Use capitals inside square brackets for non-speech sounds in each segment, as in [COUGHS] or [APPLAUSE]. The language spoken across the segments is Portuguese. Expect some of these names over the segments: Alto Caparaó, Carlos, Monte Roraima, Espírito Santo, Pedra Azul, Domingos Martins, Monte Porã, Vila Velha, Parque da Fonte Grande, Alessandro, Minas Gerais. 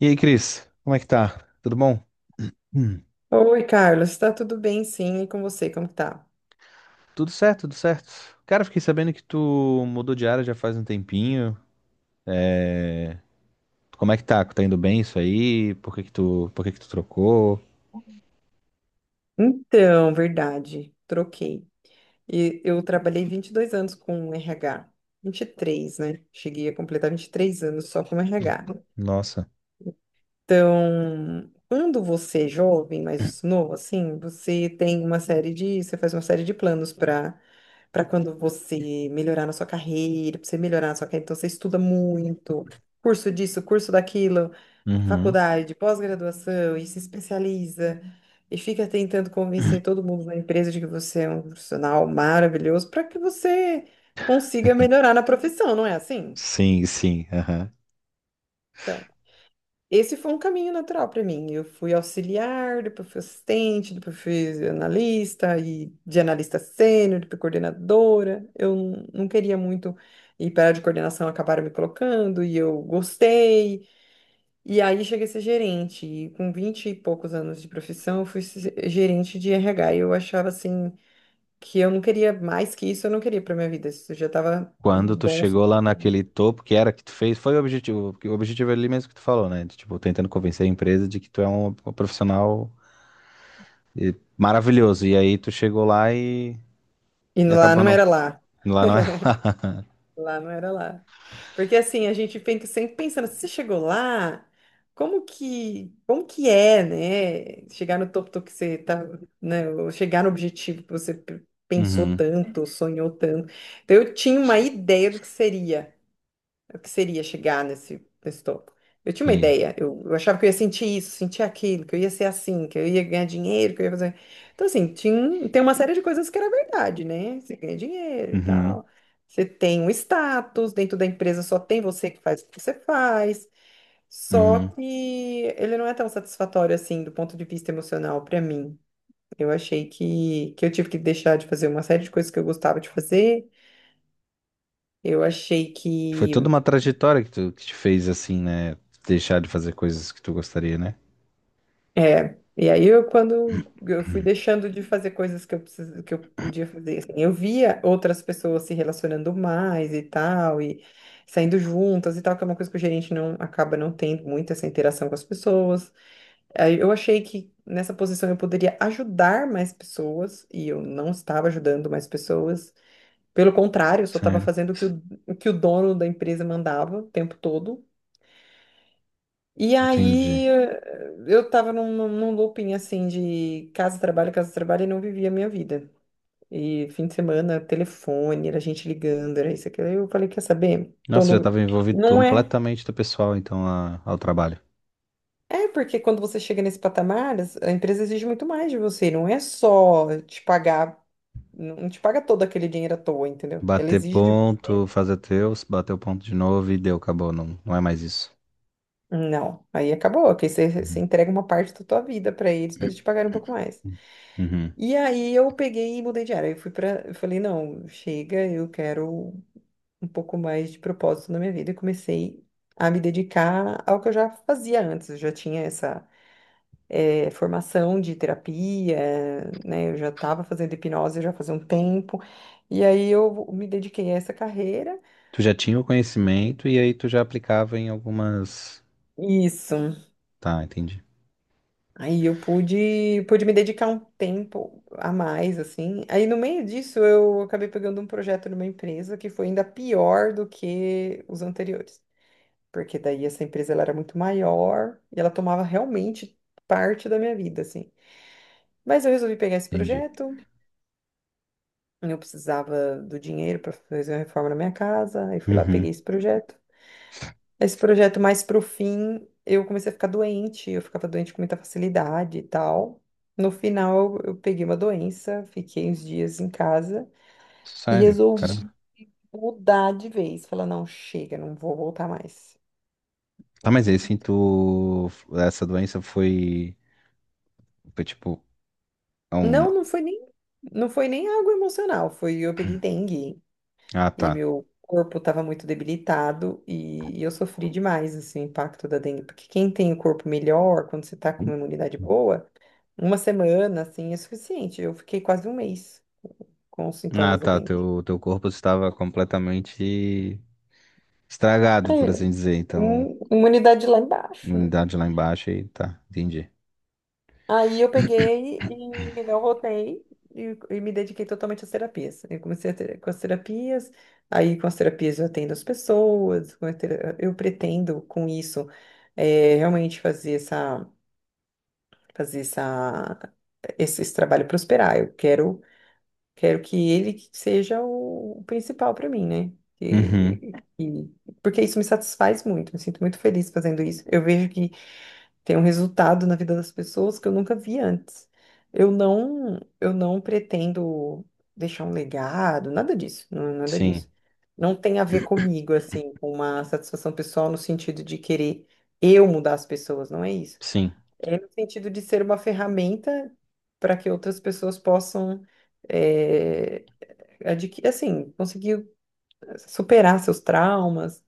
E aí, Cris, como é que tá? Tudo bom? Hum. Oi, Carlos, tá tudo bem? Sim, e com você, como que tá? Tudo certo, tudo certo. Cara, fiquei sabendo que tu mudou de área já faz um tempinho. É... Como é que tá? Tá indo bem isso aí? Por que que tu trocou? Então, verdade, troquei. E eu trabalhei 22 anos com RH, três, né? Cheguei a completar 23 anos só com Hum. RH. Nossa. Então, quando você é jovem, mais novo, assim, você faz uma série de planos para quando você melhorar na sua carreira, para você melhorar na sua carreira, então você estuda muito, curso disso, curso daquilo, né, Uhum. faculdade, pós-graduação, e se especializa, e fica tentando convencer todo mundo na empresa de que você é um profissional maravilhoso para que você consiga melhorar na profissão, não é assim? Sim, sim, aham. Então, esse foi um caminho natural para mim. Eu fui auxiliar, depois fui assistente, depois fui analista e de analista sênior, depois coordenadora. Não queria muito ir para a área de coordenação, acabaram me colocando e eu gostei. E aí cheguei a ser gerente. E com 20 e poucos anos de profissão, eu fui se- gerente de RH. E eu achava assim que eu não queria mais que isso, eu não queria para minha vida. Isso já estava Quando tu bom o chegou lá suficiente. naquele topo, que era que tu fez, foi o objetivo, porque o objetivo é ali mesmo que tu falou, né? De, tipo, tentando convencer a empresa de que tu é um profissional maravilhoso. E aí tu chegou lá E e lá acabou não não. era lá. Lá não era. Lá não era lá. Porque assim, a gente fica sempre pensando, se você chegou lá, como que é, né? Chegar no topo do que você tá, né? Ou chegar no objetivo que pensou Uhum. tanto, sonhou tanto. Então eu tinha uma ideia do que seria o que seria chegar nesse topo. Eu tinha uma E- ideia, eu achava que eu ia sentir isso, sentir aquilo, que eu ia ser assim, que eu ia ganhar dinheiro, que eu ia fazer. Então, assim, tem uma série de coisas que era verdade, né? Você ganha dinheiro e Uhum, tal. Você tem um status, dentro da empresa só tem você que faz o que você faz. Só uhum. que ele não é tão satisfatório assim do ponto de vista emocional para mim. Eu achei que eu tive que deixar de fazer uma série de coisas que eu gostava de fazer. Eu achei Foi toda que. uma trajetória que tu que te fez assim, né? Deixar de fazer coisas que tu gostaria, né? É, e aí eu quando eu fui deixando de fazer coisas que que eu podia fazer, assim, eu via outras pessoas se relacionando mais e tal, e saindo juntas e tal, que é uma coisa que o gerente não acaba não tendo muito essa interação com as pessoas. Aí eu achei que nessa posição eu poderia ajudar mais pessoas, e eu não estava ajudando mais pessoas. Pelo contrário, eu só estava Sério, fazendo o que o dono da empresa mandava o tempo todo. E entendi. aí eu tava num, num looping assim de casa, trabalho e não vivia a minha vida. E fim de semana, telefone, era gente ligando, era isso, aquilo. Aí eu falei, quer saber? Tô Nossa, já no... tava envolvido Não é. completamente do pessoal, então, ao trabalho. É porque quando você chega nesse patamar, a empresa exige muito mais de você. Não é só te pagar, não te paga todo aquele dinheiro à toa, entendeu? Ela Bater exige de você. ponto, fazer teus, bater o ponto de novo e deu, acabou, não, não é mais isso. Não, aí acabou, que você Uhum. entrega uma parte da tua vida pra eles te pagarem um pouco mais. Uhum. E aí eu peguei e mudei de área. Eu falei, não, chega, eu quero um pouco mais de propósito na minha vida. E comecei a me dedicar ao que eu já fazia antes. Eu já tinha essa formação de terapia, né? Eu já estava fazendo hipnose já fazia um tempo. E aí eu me dediquei a essa carreira. Tu já tinha o conhecimento e aí tu já aplicava em algumas. Isso. Tá, entendi. Aí eu pude me dedicar um tempo a mais, assim. Aí no meio disso eu acabei pegando um projeto numa empresa que foi ainda pior do que os anteriores, porque daí essa empresa ela era muito maior e ela tomava realmente parte da minha vida, assim. Mas eu resolvi pegar esse Entendi. projeto, eu precisava do dinheiro para fazer uma reforma na minha casa, aí fui lá, peguei Uhum. esse projeto. Esse projeto mais pro fim, eu comecei a ficar doente, eu ficava doente com muita facilidade e tal. No final, eu peguei uma doença, fiquei uns dias em casa e Sério, resolvi caramba. mudar de vez. Falar, não, chega, não vou voltar mais. Tá, mas aí assim, tu. Essa doença foi. Foi tipo. É um- Não, não foi nem algo emocional, foi eu peguei dengue Ah, e tá. meu corpo estava muito debilitado e eu sofri demais assim, o impacto da dengue, porque quem tem o corpo melhor, quando você está com uma imunidade boa, uma semana, assim, é suficiente. Eu fiquei quase um mês com os Ah, sintomas da tá. dengue. Teu, teu corpo estava completamente estragado, por Aí, assim dizer. Então, imunidade lá embaixo, né? imunidade lá embaixo e tá, entendi. Aí eu peguei e não voltei e me dediquei totalmente às terapias. Eu comecei a ter, com as terapias, eu atendo as pessoas, eu pretendo com isso realmente fazer essa, esse trabalho prosperar. Eu quero Quero que ele que seja o principal para mim, né? Uhum. E, e- Porque isso me satisfaz muito, me sinto muito feliz fazendo isso. Eu vejo que tem um resultado na vida das pessoas que eu nunca vi antes. Eu não pretendo deixar um legado, nada disso, não, nada Sim, disso. Não tem a ver comigo, assim, com uma satisfação pessoal no sentido de querer eu mudar as pessoas, não é isso. sim. É no sentido de ser uma ferramenta para que outras pessoas possam é, adquirir, assim, conseguir superar seus traumas,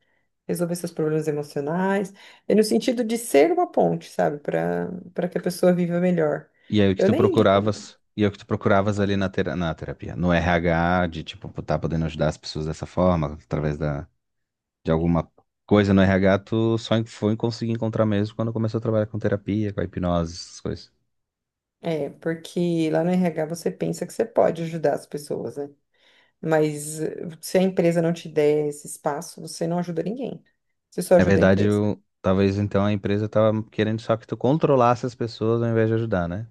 resolver seus problemas emocionais. É no sentido de ser uma ponte, sabe, para que a pessoa viva melhor. Eu nem digo, E aí o que tu procuravas ali na terapia? No RH, de tipo, pô, tá podendo ajudar as pessoas dessa forma, através da, de alguma coisa no RH, foi conseguir encontrar mesmo quando começou a trabalhar com terapia, com a hipnose, essas coisas. é, porque lá no RH você pensa que você pode ajudar as pessoas, né? Mas se a empresa não te der esse espaço, você não ajuda ninguém. Você só Na ajuda a verdade, empresa. Talvez então a empresa tava querendo só que tu controlasse as pessoas ao invés de ajudar, né?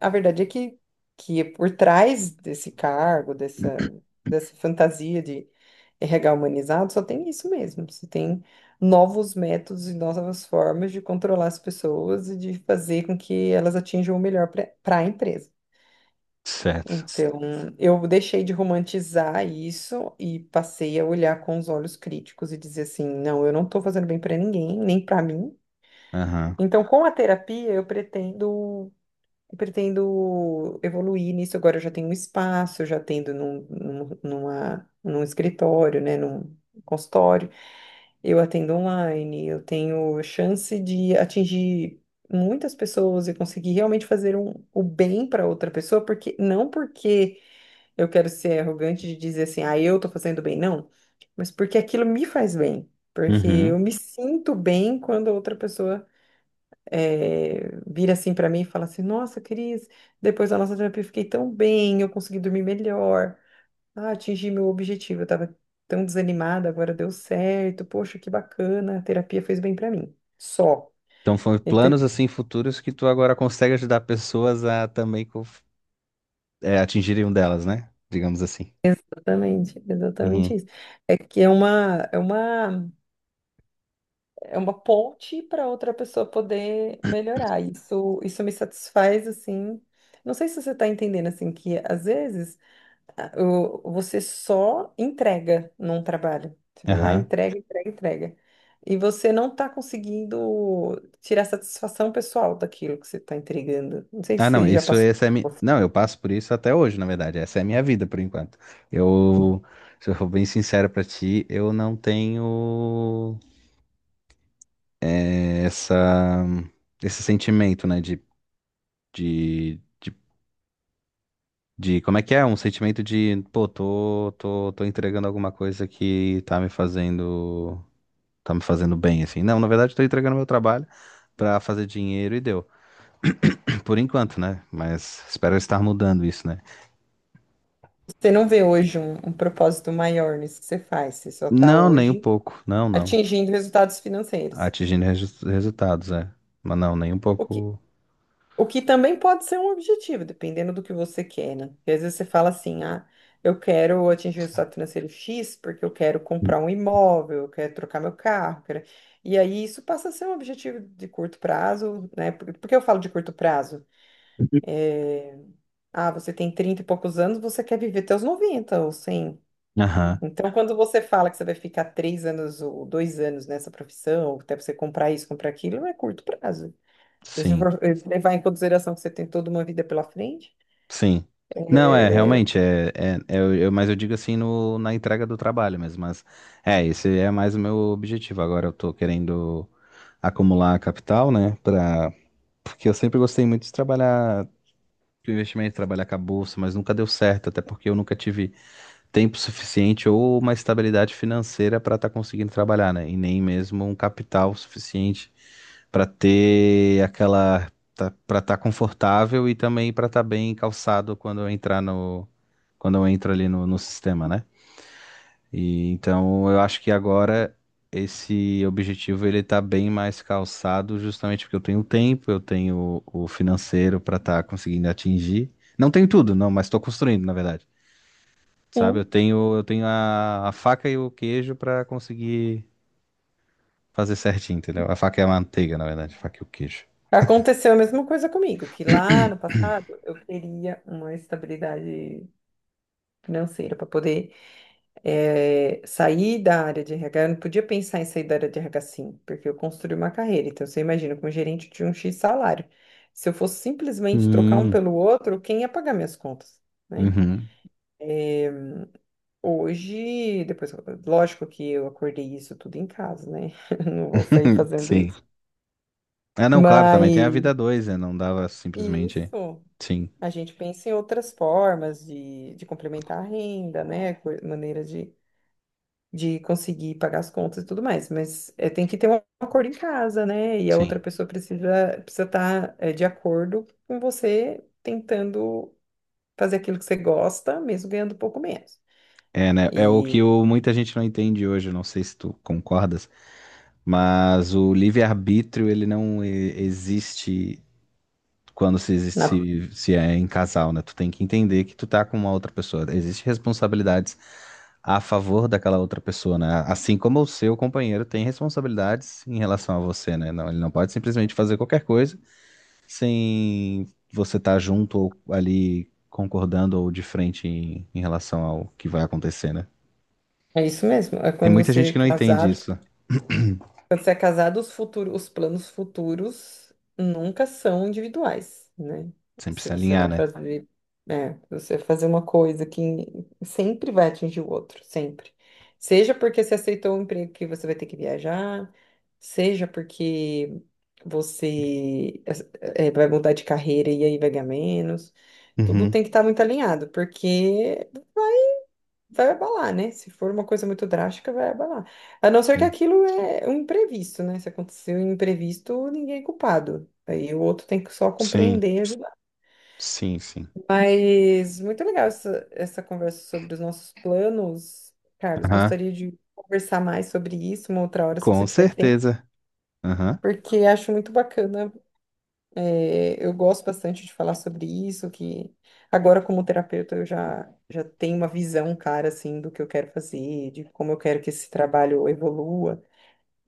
A verdade é que é por trás desse cargo, dessa fantasia de RH humanizado, só tem isso mesmo. Você tem novos métodos e novas formas de controlar as pessoas e de fazer com que elas atinjam o melhor para a empresa. Certo. Então, eu deixei de romantizar isso e passei a olhar com os olhos críticos e dizer assim: não, eu não estou fazendo bem para ninguém, nem para mim. Aham. Então, com a terapia, eu pretendo. Eu pretendo evoluir nisso agora. Eu já tenho um espaço, já tendo num escritório, né, num consultório. Eu atendo online, eu tenho chance de atingir muitas pessoas e conseguir realmente fazer o bem para outra pessoa, porque não porque eu quero ser arrogante de dizer assim, ah, eu tô fazendo bem, não, mas porque aquilo me faz bem. Porque eu Uhum. me sinto bem quando a outra pessoa vira assim para mim e fala assim: Nossa, Cris, depois da nossa terapia eu fiquei tão bem, eu consegui dormir melhor, ah, atingi meu objetivo, eu estava tão desanimada, agora deu certo, poxa, que bacana, a terapia fez bem para mim. Só. Então foi Então, planos assim futuros que tu agora consegue ajudar pessoas a também é, atingirem um delas, né? Digamos assim. exatamente, exatamente Uhum. isso. É que é uma ponte para outra pessoa poder melhorar. Isso me satisfaz assim. Não sei se você está entendendo assim que às vezes você só entrega num trabalho. Você vai lá, Aham. entrega, entrega, entrega. E você não está conseguindo tirar satisfação pessoal daquilo que você está entregando. Não sei se Ah, não, você já isso passou essa é mi... por Não, isso. eu passo por isso até hoje, na verdade. Essa é a minha vida por enquanto. Eu, se eu for bem sincero pra ti, eu não tenho essa esse sentimento, de, De como é que é? Um sentimento de, pô, tô entregando alguma coisa que tá me fazendo bem, assim. Não, na verdade, tô entregando meu trabalho pra fazer dinheiro e deu. [CLEARS THROAT] Por enquanto, né? Mas espero estar mudando isso, né? Você não vê hoje um propósito maior nisso que você faz. Você só está Não, nem um hoje pouco. Não, não. atingindo resultados financeiros. Atingindo resultados, é. Mas não, nem um pouco. O que também pode ser um objetivo, dependendo do que você quer, né? Porque às vezes você fala assim, ah, eu quero atingir o estado financeiro X porque eu quero comprar um imóvel, eu quero trocar meu carro, quero... E aí isso passa a ser um objetivo de curto prazo, né? Por que eu falo de curto prazo? Ah, você tem 30 e poucos anos, você quer viver até os 90 ou 100. Aham, Então, quando você fala que você vai ficar 3 anos ou 2 anos nessa profissão, até você comprar isso, comprar aquilo, é curto prazo. Se você sim. for levar em consideração que você tem toda uma vida pela frente, Sim. Não, é, realmente, é, é, é, mas eu digo assim no, na entrega do trabalho mesmo, mas é, esse é mais o meu objetivo. Agora eu tô querendo acumular capital, né, pra, porque eu sempre gostei muito de trabalhar, do investimento, trabalhar com a bolsa, mas nunca deu certo, até porque eu nunca tive tempo suficiente ou uma estabilidade financeira para estar conseguindo trabalhar, né? E nem mesmo um capital suficiente para ter aquela para estar confortável e também para estar bem calçado quando eu entrar no quando eu entro ali no sistema, né? E então eu acho que agora esse objetivo ele tá bem mais calçado justamente porque eu tenho tempo, eu tenho o financeiro para estar conseguindo atingir. Não tenho tudo, não, mas estou construindo, na verdade. Sabe? Sim. Eu tenho a faca e o queijo pra conseguir fazer certinho, entendeu? A faca é a manteiga, na verdade, a faca e o queijo. Aconteceu a mesma coisa comigo, que lá no [COUGHS] passado eu queria uma estabilidade financeira para poder sair da área de RH. Eu não podia pensar em sair da área de RH sim, porque eu construí uma carreira. Então você imagina, como gerente de um X salário. Se eu fosse simplesmente trocar um Hum, pelo outro, quem ia pagar minhas contas? Né? uhum, Eh, hoje, depois, lógico que eu acordei isso tudo em casa, né? [LAUGHS] Não vou sair fazendo sim. isso. Ah, não, claro, também tem a vida Mas dois, né? Não dava simplesmente. isso. Sim, A gente pensa em outras formas de complementar a renda, né? Maneira de conseguir pagar as contas e tudo mais. Mas é, tem que ter um acordo em casa, né? E a sim. outra pessoa precisa estar de acordo com você tentando fazer aquilo que você gosta, mesmo ganhando um pouco menos. É, né? É o E muita gente não entende hoje, não sei se tu concordas, mas o livre-arbítrio, ele existe quando se, na- se, se é em casal, né? Tu tem que entender que tu tá com uma outra pessoa. Existem responsabilidades a favor daquela outra pessoa, né? Assim como o seu companheiro tem responsabilidades em relação a você, né? Não, ele não pode simplesmente fazer qualquer coisa sem você estar junto ou ali concordando ou de frente em relação ao que vai acontecer, né? é isso mesmo. Tem muita gente que não entende isso. [CLEARS THROAT] Quando você é casado, os futuros, os planos futuros nunca são individuais, né? Sempre Se se você alinhar, vai né? fazer, é, você vai fazer uma coisa que sempre vai atingir o outro, sempre. Seja porque você aceitou um emprego que você vai ter que viajar, seja porque você vai mudar de carreira e aí vai ganhar menos. Tudo Uhum, tem que estar muito alinhado, porque vai abalar, né? Se for uma coisa muito drástica, vai abalar. A não ser que sim. aquilo é um imprevisto, né? Se aconteceu um imprevisto, ninguém é culpado. Aí o outro tem que só Sim, compreender e ajudar. sim, sim. Mas muito legal essa conversa sobre os nossos planos. Carlos, Aham, gostaria de conversar mais sobre isso uma outra hora, se com você tiver tempo. certeza. Aham. Porque acho muito bacana É, eu gosto bastante de falar sobre isso, que agora como terapeuta eu já tenho uma visão clara, assim, do que eu quero fazer, de como eu quero que esse trabalho evolua,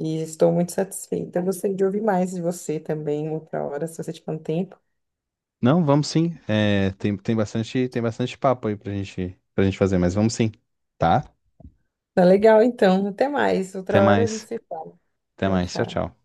e estou muito satisfeita. Eu gostaria de ouvir mais de você também, outra hora, se você tiver um tempo. Não, vamos sim. É, tem, tem bastante papo aí pra gente fazer, mas vamos sim, tá? Tá legal, então. Até mais. Até Outra hora a gente mais. se fala. Até Tchau, mais. Tchau, tchau. tchau.